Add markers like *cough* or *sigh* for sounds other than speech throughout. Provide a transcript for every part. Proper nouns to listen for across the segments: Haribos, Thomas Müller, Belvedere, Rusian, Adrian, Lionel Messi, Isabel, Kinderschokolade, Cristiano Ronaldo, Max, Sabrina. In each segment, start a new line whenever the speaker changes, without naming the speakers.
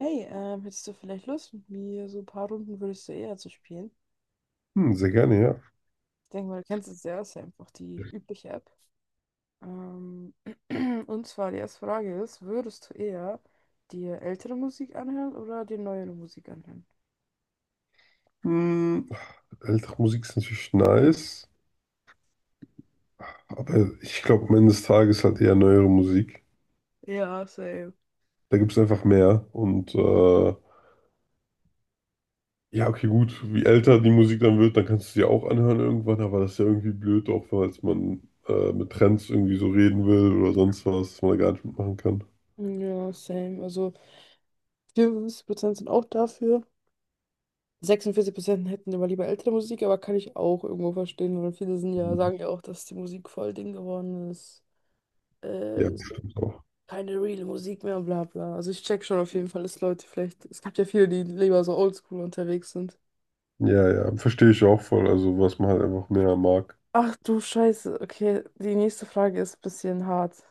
Hey, hättest du vielleicht Lust, mit mir so ein paar Runden würdest du eher zu spielen?
Hm, sehr gerne, ja.
Ich denke mal, du kennst es ja, ist ja einfach die übliche App. Ähm, *clears throat* und zwar die erste Frage ist, würdest du eher dir ältere Musik anhören oder dir neuere Musik anhören?
Hm, ältere Musik ist natürlich nice, aber ich glaube am Ende des Tages halt eher neuere Musik.
Ja, same.
Da gibt es einfach mehr. Und ja, okay, gut, wie älter die Musik dann wird, dann kannst du sie auch anhören irgendwann, aber das ist ja irgendwie blöd, auch falls man mit Trends irgendwie so reden will oder sonst was, was man da gar nicht mitmachen kann.
Ja, same. Also 54% sind auch dafür. 46% hätten immer lieber ältere Musik, aber kann ich auch irgendwo verstehen, weil viele sind ja,
Mhm.
sagen ja auch, dass die Musik voll Ding geworden ist.
Ja,
So
stimmt auch.
keine reale Musik mehr, bla bla. Also ich check schon auf jeden Fall, dass Leute vielleicht, es gibt ja viele, die lieber so oldschool unterwegs sind.
Ja, ja, verstehe ich auch voll. Also was man halt einfach mehr mag.
Ach du Scheiße, okay, die nächste Frage ist ein bisschen hart.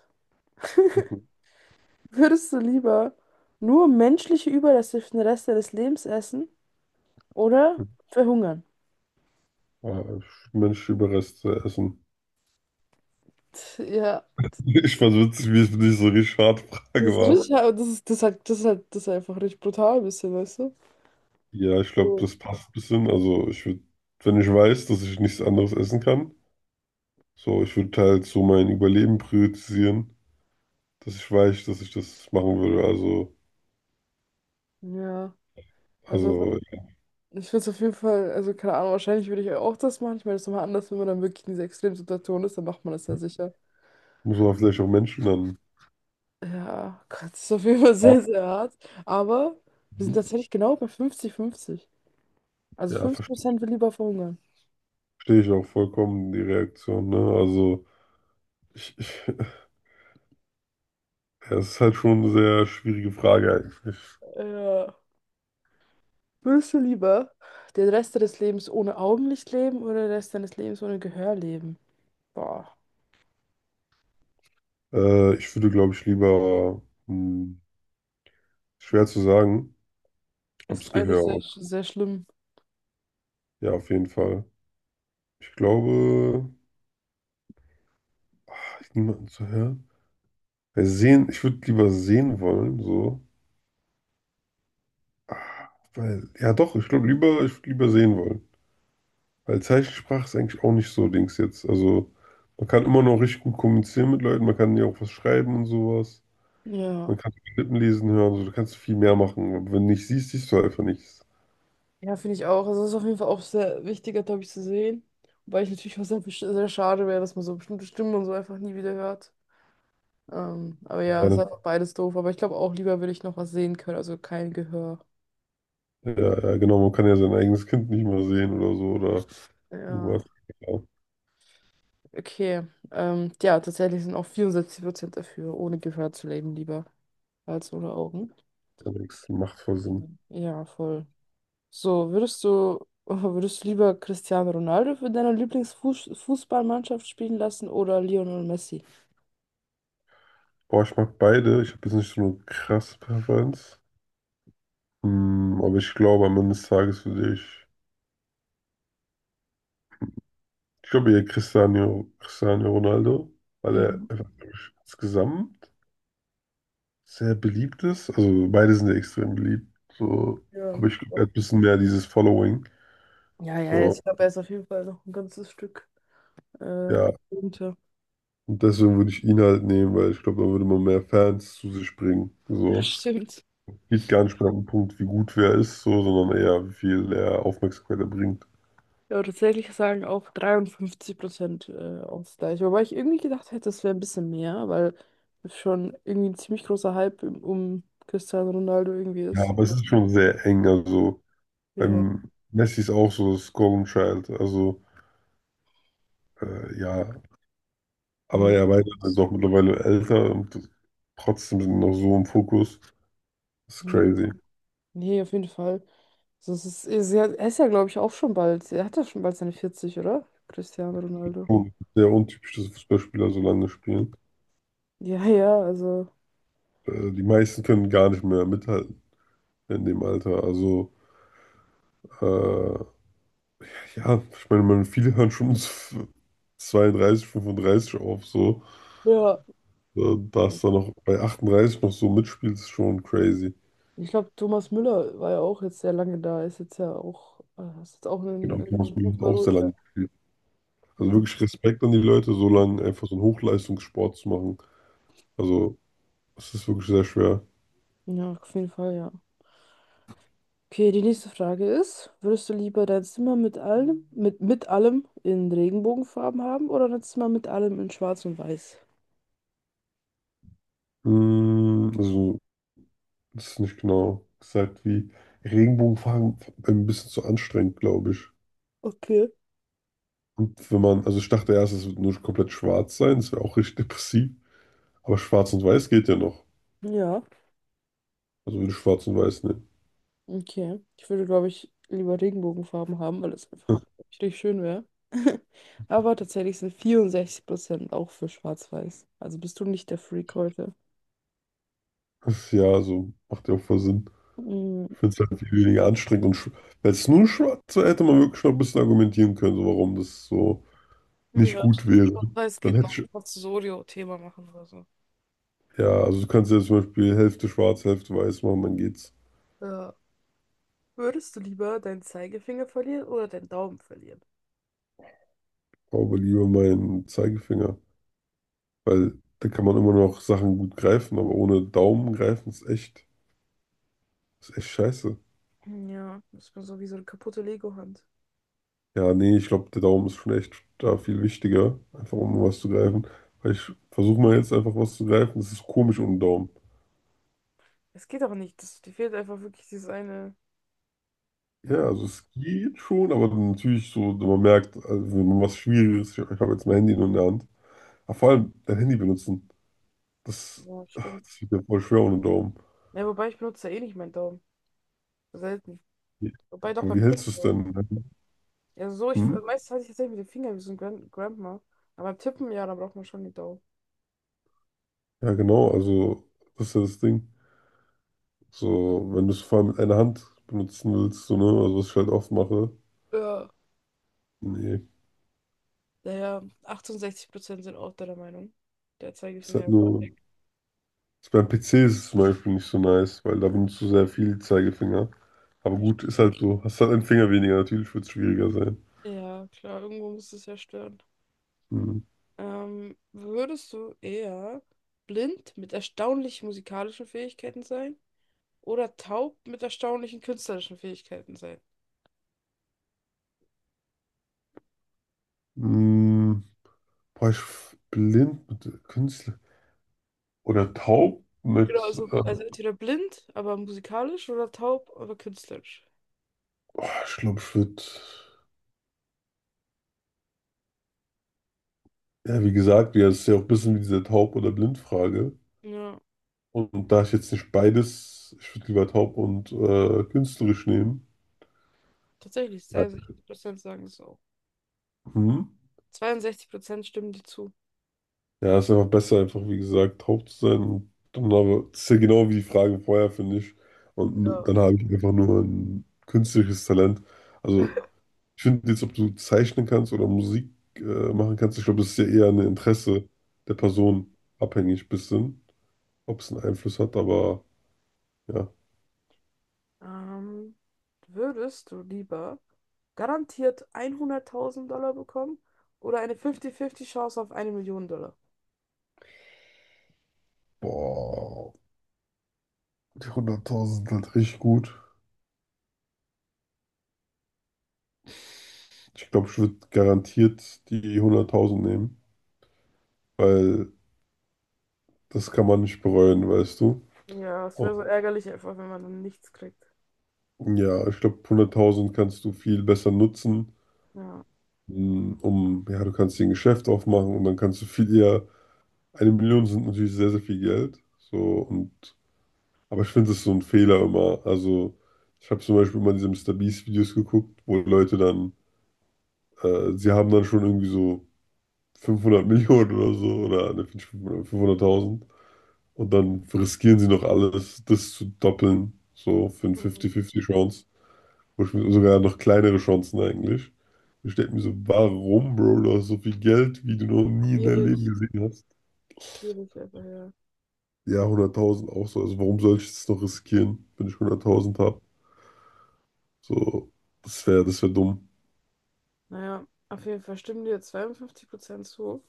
*laughs*
*laughs*
Würdest du lieber nur menschliche Überreste für den Rest deines Lebens essen oder verhungern?
Äh, Mensch, Überreste essen.
Ja.
Ich fand's witzig, wie es nicht so eine Schadfrage
Das ist
war.
richtig, das ist einfach richtig brutal ein bisschen, weißt du?
Ja, ich glaube,
So.
das passt ein bisschen. Also ich würde, wenn ich weiß, dass ich nichts anderes essen kann, so, ich würde halt so mein Überleben priorisieren, dass ich weiß, dass ich das machen würde. Also,
Ja, also.
also
Ich würde es auf jeden Fall, also keine Ahnung, wahrscheinlich würde ich auch das machen. Ich meine, das ist nochmal anders, wenn man dann wirklich in dieser Extremsituation ist, dann macht man das ja sicher.
muss man vielleicht auch Menschen dann
Ja, Gott, das ist auf jeden Fall sehr, sehr hart. Aber wir sind
achten.
tatsächlich genau bei 50-50. Also
Ja,
fünfzig
verstehe
Prozent will lieber verhungern.
ich auch vollkommen die Reaktion, ne? Also ich, *laughs* ja, es ist halt schon eine sehr schwierige Frage eigentlich.
Ja. Würdest du lieber den Rest deines Lebens ohne Augenlicht leben oder den Rest deines Lebens ohne Gehör leben? Boah,
Ich würde, glaube ich, lieber, hm, schwer zu sagen,
das
ob
ist
es
beides sehr,
Gehör.
sehr schlimm.
Ja, auf jeden Fall. Ich glaube, hat niemanden zu hören. Weil sehen, ich würde lieber sehen wollen, so. Weil, ja doch, ich glaube lieber, ich würde lieber sehen wollen. Weil Zeichensprache ist eigentlich auch nicht so Dings jetzt. Also, man kann immer noch richtig gut kommunizieren mit Leuten, man kann ja auch was schreiben und sowas.
Ja.
Man kann Lippen lesen hören, so, du kannst viel mehr machen. Aber wenn du nicht siehst, siehst du einfach nichts.
Ja, finde ich auch. Also, das ist auf jeden Fall auch sehr wichtiger, glaube ich, zu sehen. Wobei ich natürlich auch sehr, sehr schade wäre, dass man so bestimmte Stimmen und so einfach nie wieder hört. Aber ja, es ist
Ja,
einfach beides doof. Aber ich glaube auch, lieber würde ich noch was sehen können, also kein Gehör.
ja, ja, genau, man kann ja sein eigenes Kind nicht mehr sehen oder so oder irgendwas.
Ja,
Ja,
okay. Ja, tatsächlich sind auch 64% dafür, ohne Gehör zu leben, lieber als ohne Augen.
ja, das macht voll Sinn.
Mhm. Ja, voll. So, würdest du, *laughs* würdest du lieber Cristiano Ronaldo für deine Lieblingsfußballmannschaft spielen lassen oder Lionel Messi?
Boah, ich mag beide. Ich habe jetzt nicht so eine krasse Präferenz. Hm, aber ich glaube, am Ende des Tages würde ich. Ich glaube eher Cristiano Ronaldo, weil er
Mhm.
einfach glaub ich, insgesamt sehr beliebt ist. Also beide sind ja extrem beliebt. So,
Ja.
aber ich glaube, er hat ein bisschen mehr dieses Following.
Ja, ja,
So,
ich glaube, er ist auf jeden Fall noch ein ganzes Stück äh,
ja.
runter.
Und deswegen würde ich ihn halt nehmen, weil ich glaube, dann würde man mehr Fans zu sich bringen.
Ja,
So.
stimmt.
Geht gar nicht mehr an den Punkt, wie gut wer ist, so, sondern eher, wie viel er Aufmerksamkeit er bringt.
Ja, tatsächlich sagen auch 53% Ausgleich. Wobei ich irgendwie gedacht hätte, es wäre ein bisschen mehr, weil es schon irgendwie ein ziemlich großer Hype um Cristiano Ronaldo irgendwie
Ja,
ist.
aber es ist schon sehr eng. Also.
Ja,
Beim Messi ist auch so das Golden Child. Also, ja.
man
Aber
nicht.
ja, beide sind jetzt auch mittlerweile älter und trotzdem sind noch so im Fokus. Das ist
Mhm.
crazy.
Nee, auf jeden Fall. Also er ist ja, glaube ich, auch schon bald. Er hat ja schon bald seine 40, oder? Cristiano Ronaldo.
Und sehr untypisch, dass Fußballspieler so lange spielen.
Ja, ja, also.
Die meisten können gar nicht mehr mithalten in dem Alter. Also, äh, ja, ich meine, man, viele hören schon *laughs* so 32, 35 auf, so.
Ja.
Dass da noch bei 38 noch so mitspielt, ist schon crazy.
Ich glaube, Thomas Müller war ja auch jetzt sehr lange da, ist jetzt ja auch, ist jetzt auch in,
Genau,
in
Thomas Müller hat
guter
auch sehr
Ruhestand.
lange gespielt. Also
Ja.
wirklich Respekt an die Leute, so lange einfach so einen Hochleistungssport zu machen. Also, es ist wirklich sehr schwer.
Ja, auf jeden Fall, ja. Okay, die nächste Frage ist, würdest du lieber dein Zimmer mit allem, in Regenbogenfarben haben oder dein Zimmer mit allem in Schwarz und Weiß?
Also, das ist nicht genau gesagt, wie Regenbogenfarben ein bisschen zu anstrengend, glaube ich.
Okay.
Und wenn man, also ich dachte erst, es wird nur komplett schwarz sein, das wäre auch richtig depressiv. Aber schwarz und weiß geht ja noch.
Ja,
Also würde ich schwarz und weiß nehmen.
okay. Ich würde, glaube ich, lieber Regenbogenfarben haben, weil das einfach
*laughs*
richtig schön wäre. *laughs* Aber tatsächlich sind 64% auch für Schwarz-Weiß. Also bist du nicht der Freak heute.
Ja, so macht ja auch voll Sinn.
Mm.
Ich finde es halt viel weniger anstrengend. Und wenn es nur schwarz wäre, hätte man wirklich noch ein bisschen argumentieren können, so warum das so nicht gut wäre.
Ja, es
Dann
geht
hätte
noch
ich,
Pozzorio-Thema machen oder so.
ja, also du kannst ja zum Beispiel Hälfte schwarz, Hälfte weiß machen, dann geht's.
Ja. Würdest du lieber deinen Zeigefinger verlieren oder deinen Daumen verlieren?
Aber lieber meinen Zeigefinger, weil da kann man immer noch Sachen gut greifen, aber ohne Daumen greifen ist echt scheiße.
Ja. Das ist so wie so eine kaputte Lego-Hand.
Ja, nee, ich glaube, der Daumen ist schon echt da viel wichtiger, einfach um was zu greifen. Weil ich versuche mal jetzt einfach was zu greifen, das ist komisch ohne Daumen.
Es geht auch nicht. Das, dir fehlt einfach wirklich dieses eine.
Ja,
Ja,
also es geht schon, aber dann natürlich so, wenn man merkt, also wenn man was Schwieriges, ich habe jetzt mein Handy nur in der Hand. Aber vor allem dein Handy benutzen, das
ja, stimmt.
Das liegt mir voll schwer ohne Daumen.
Ja, wobei ich benutze ja eh nicht meinen Daumen. Selten. Wobei doch
Aber
beim
wie
Tippen.
hältst du es
So.
denn?
Ja, so, ich,
Hm?
meistens hatte ich tatsächlich mit dem Finger wie so ein Grandma. Aber beim Tippen, ja, da braucht man schon den Daumen.
Ja, genau, also das ist ja das Ding. So, wenn du es vor allem mit einer Hand benutzen willst, so, ne? Also was ich halt oft mache.
Ja.
Nee.
Naja, 68% sind auch deiner Meinung. Der
Ist halt
Zeigefinger.
nur. Ist beim PC ist es zum Beispiel nicht so nice, weil da benutzt du sehr viel Zeigefinger. Aber
Ja,
gut, ist
stimmt.
halt so. Hast halt einen Finger weniger, natürlich wird es schwieriger sein.
Ja, klar, irgendwo muss es ja stören.
Hm.
Würdest du eher blind mit erstaunlichen musikalischen Fähigkeiten sein oder taub mit erstaunlichen künstlerischen Fähigkeiten sein?
Hm. Boah, ich blind mit Künstler. Oder taub
Genau,
mit.
also,
Äh,
also entweder blind, aber musikalisch oder taub, aber künstlerisch.
boah, ich glaube, ich würde. Ja, wie gesagt, ja, es ist ja auch ein bisschen wie diese Taub- oder Blindfrage.
Ja,
Und da ich jetzt nicht beides, ich würde lieber taub und künstlerisch nehmen.
tatsächlich,
Ja,
62% sagen es auch.
Mhm.
62% stimmen dir zu.
Ja, ist einfach besser, einfach wie gesagt, taub zu sein. Und dann habe, das ist ja genau wie die Fragen vorher, finde ich. Und dann habe ich einfach nur ein künstlerisches Talent. Also, ich finde jetzt, ob du zeichnen kannst oder Musik äh, machen kannst, ich glaube, das ist ja eher ein Interesse der
Ja.
Person abhängig, bisschen, ob es einen Einfluss hat, aber ja.
Ähm, Würdest du lieber garantiert 100.000 Dollar bekommen oder eine 50-50 Chance auf eine Million Dollar?
Boah. Die 100.000 sind halt richtig gut. Ich glaube, ich würde garantiert die 100.000 nehmen, weil das kann man nicht bereuen, weißt du.
Ja, es wäre so ärgerlich einfach, wenn man dann nichts kriegt.
Und ja, ich glaube, 100.000 kannst du viel besser nutzen,
Ja.
um, ja, du kannst dir ein Geschäft aufmachen und dann kannst du viel eher, eine Million sind natürlich sehr, sehr viel Geld. So, und, aber ich finde, das ist so ein Fehler immer. Also, ich habe zum Beispiel immer diese Mister MrBeast-Videos geguckt, wo Leute dann, sie haben dann schon irgendwie so 500 Millionen oder so oder ne, 500.000 und dann riskieren sie noch alles, das zu doppeln, so für eine
Mhm.
50-50 Chance, wo ich sogar noch kleinere Chancen eigentlich. Ich denke mir so, warum, Bro, du hast so viel Geld, wie du noch nie in deinem Leben
Schwierig,
gesehen hast.
schwierig einfach, ja.
Ja, 100.000 auch so, also warum soll ich es noch riskieren, wenn ich 100.000 habe? So, das wäre dumm.
Naja, auf jeden Fall stimmen dir 52% zu.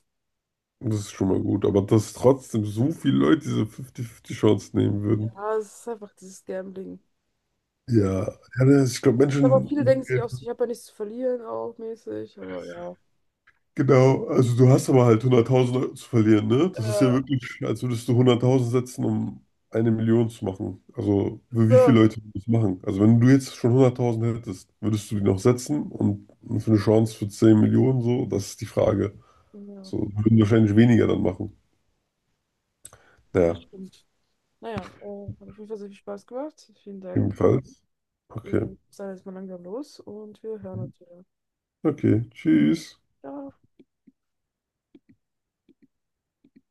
Das ist schon mal gut, aber dass trotzdem so viele Leute diese 50-50 Chance nehmen würden.
Ja, es ist einfach dieses Gambling.
Ja, ja, ich glaube,
Aber
Menschen.
viele denken sich auch so, ich habe ja nichts zu verlieren, auch mäßig, aber ja.
Genau, also du hast aber halt 100.000 Euro zu verlieren, ne? Das ist ja
Ja,
wirklich, als würdest du 100.000 setzen, um eine Million zu machen. Also für wie
klar.
viele Leute würden das machen? Also wenn du jetzt schon 100.000 hättest, würdest du die noch setzen und für eine Chance für 10 Millionen so? Das ist die Frage.
Ja,
So würden wahrscheinlich weniger dann machen.
das
Ja,
stimmt. Naja, hat auf jeden Fall sehr viel Spaß gemacht. Vielen Dank.
jedenfalls. Okay.
Ich sage jetzt mal langsam los und wir hören uns wieder.
Okay, tschüss.
Ciao.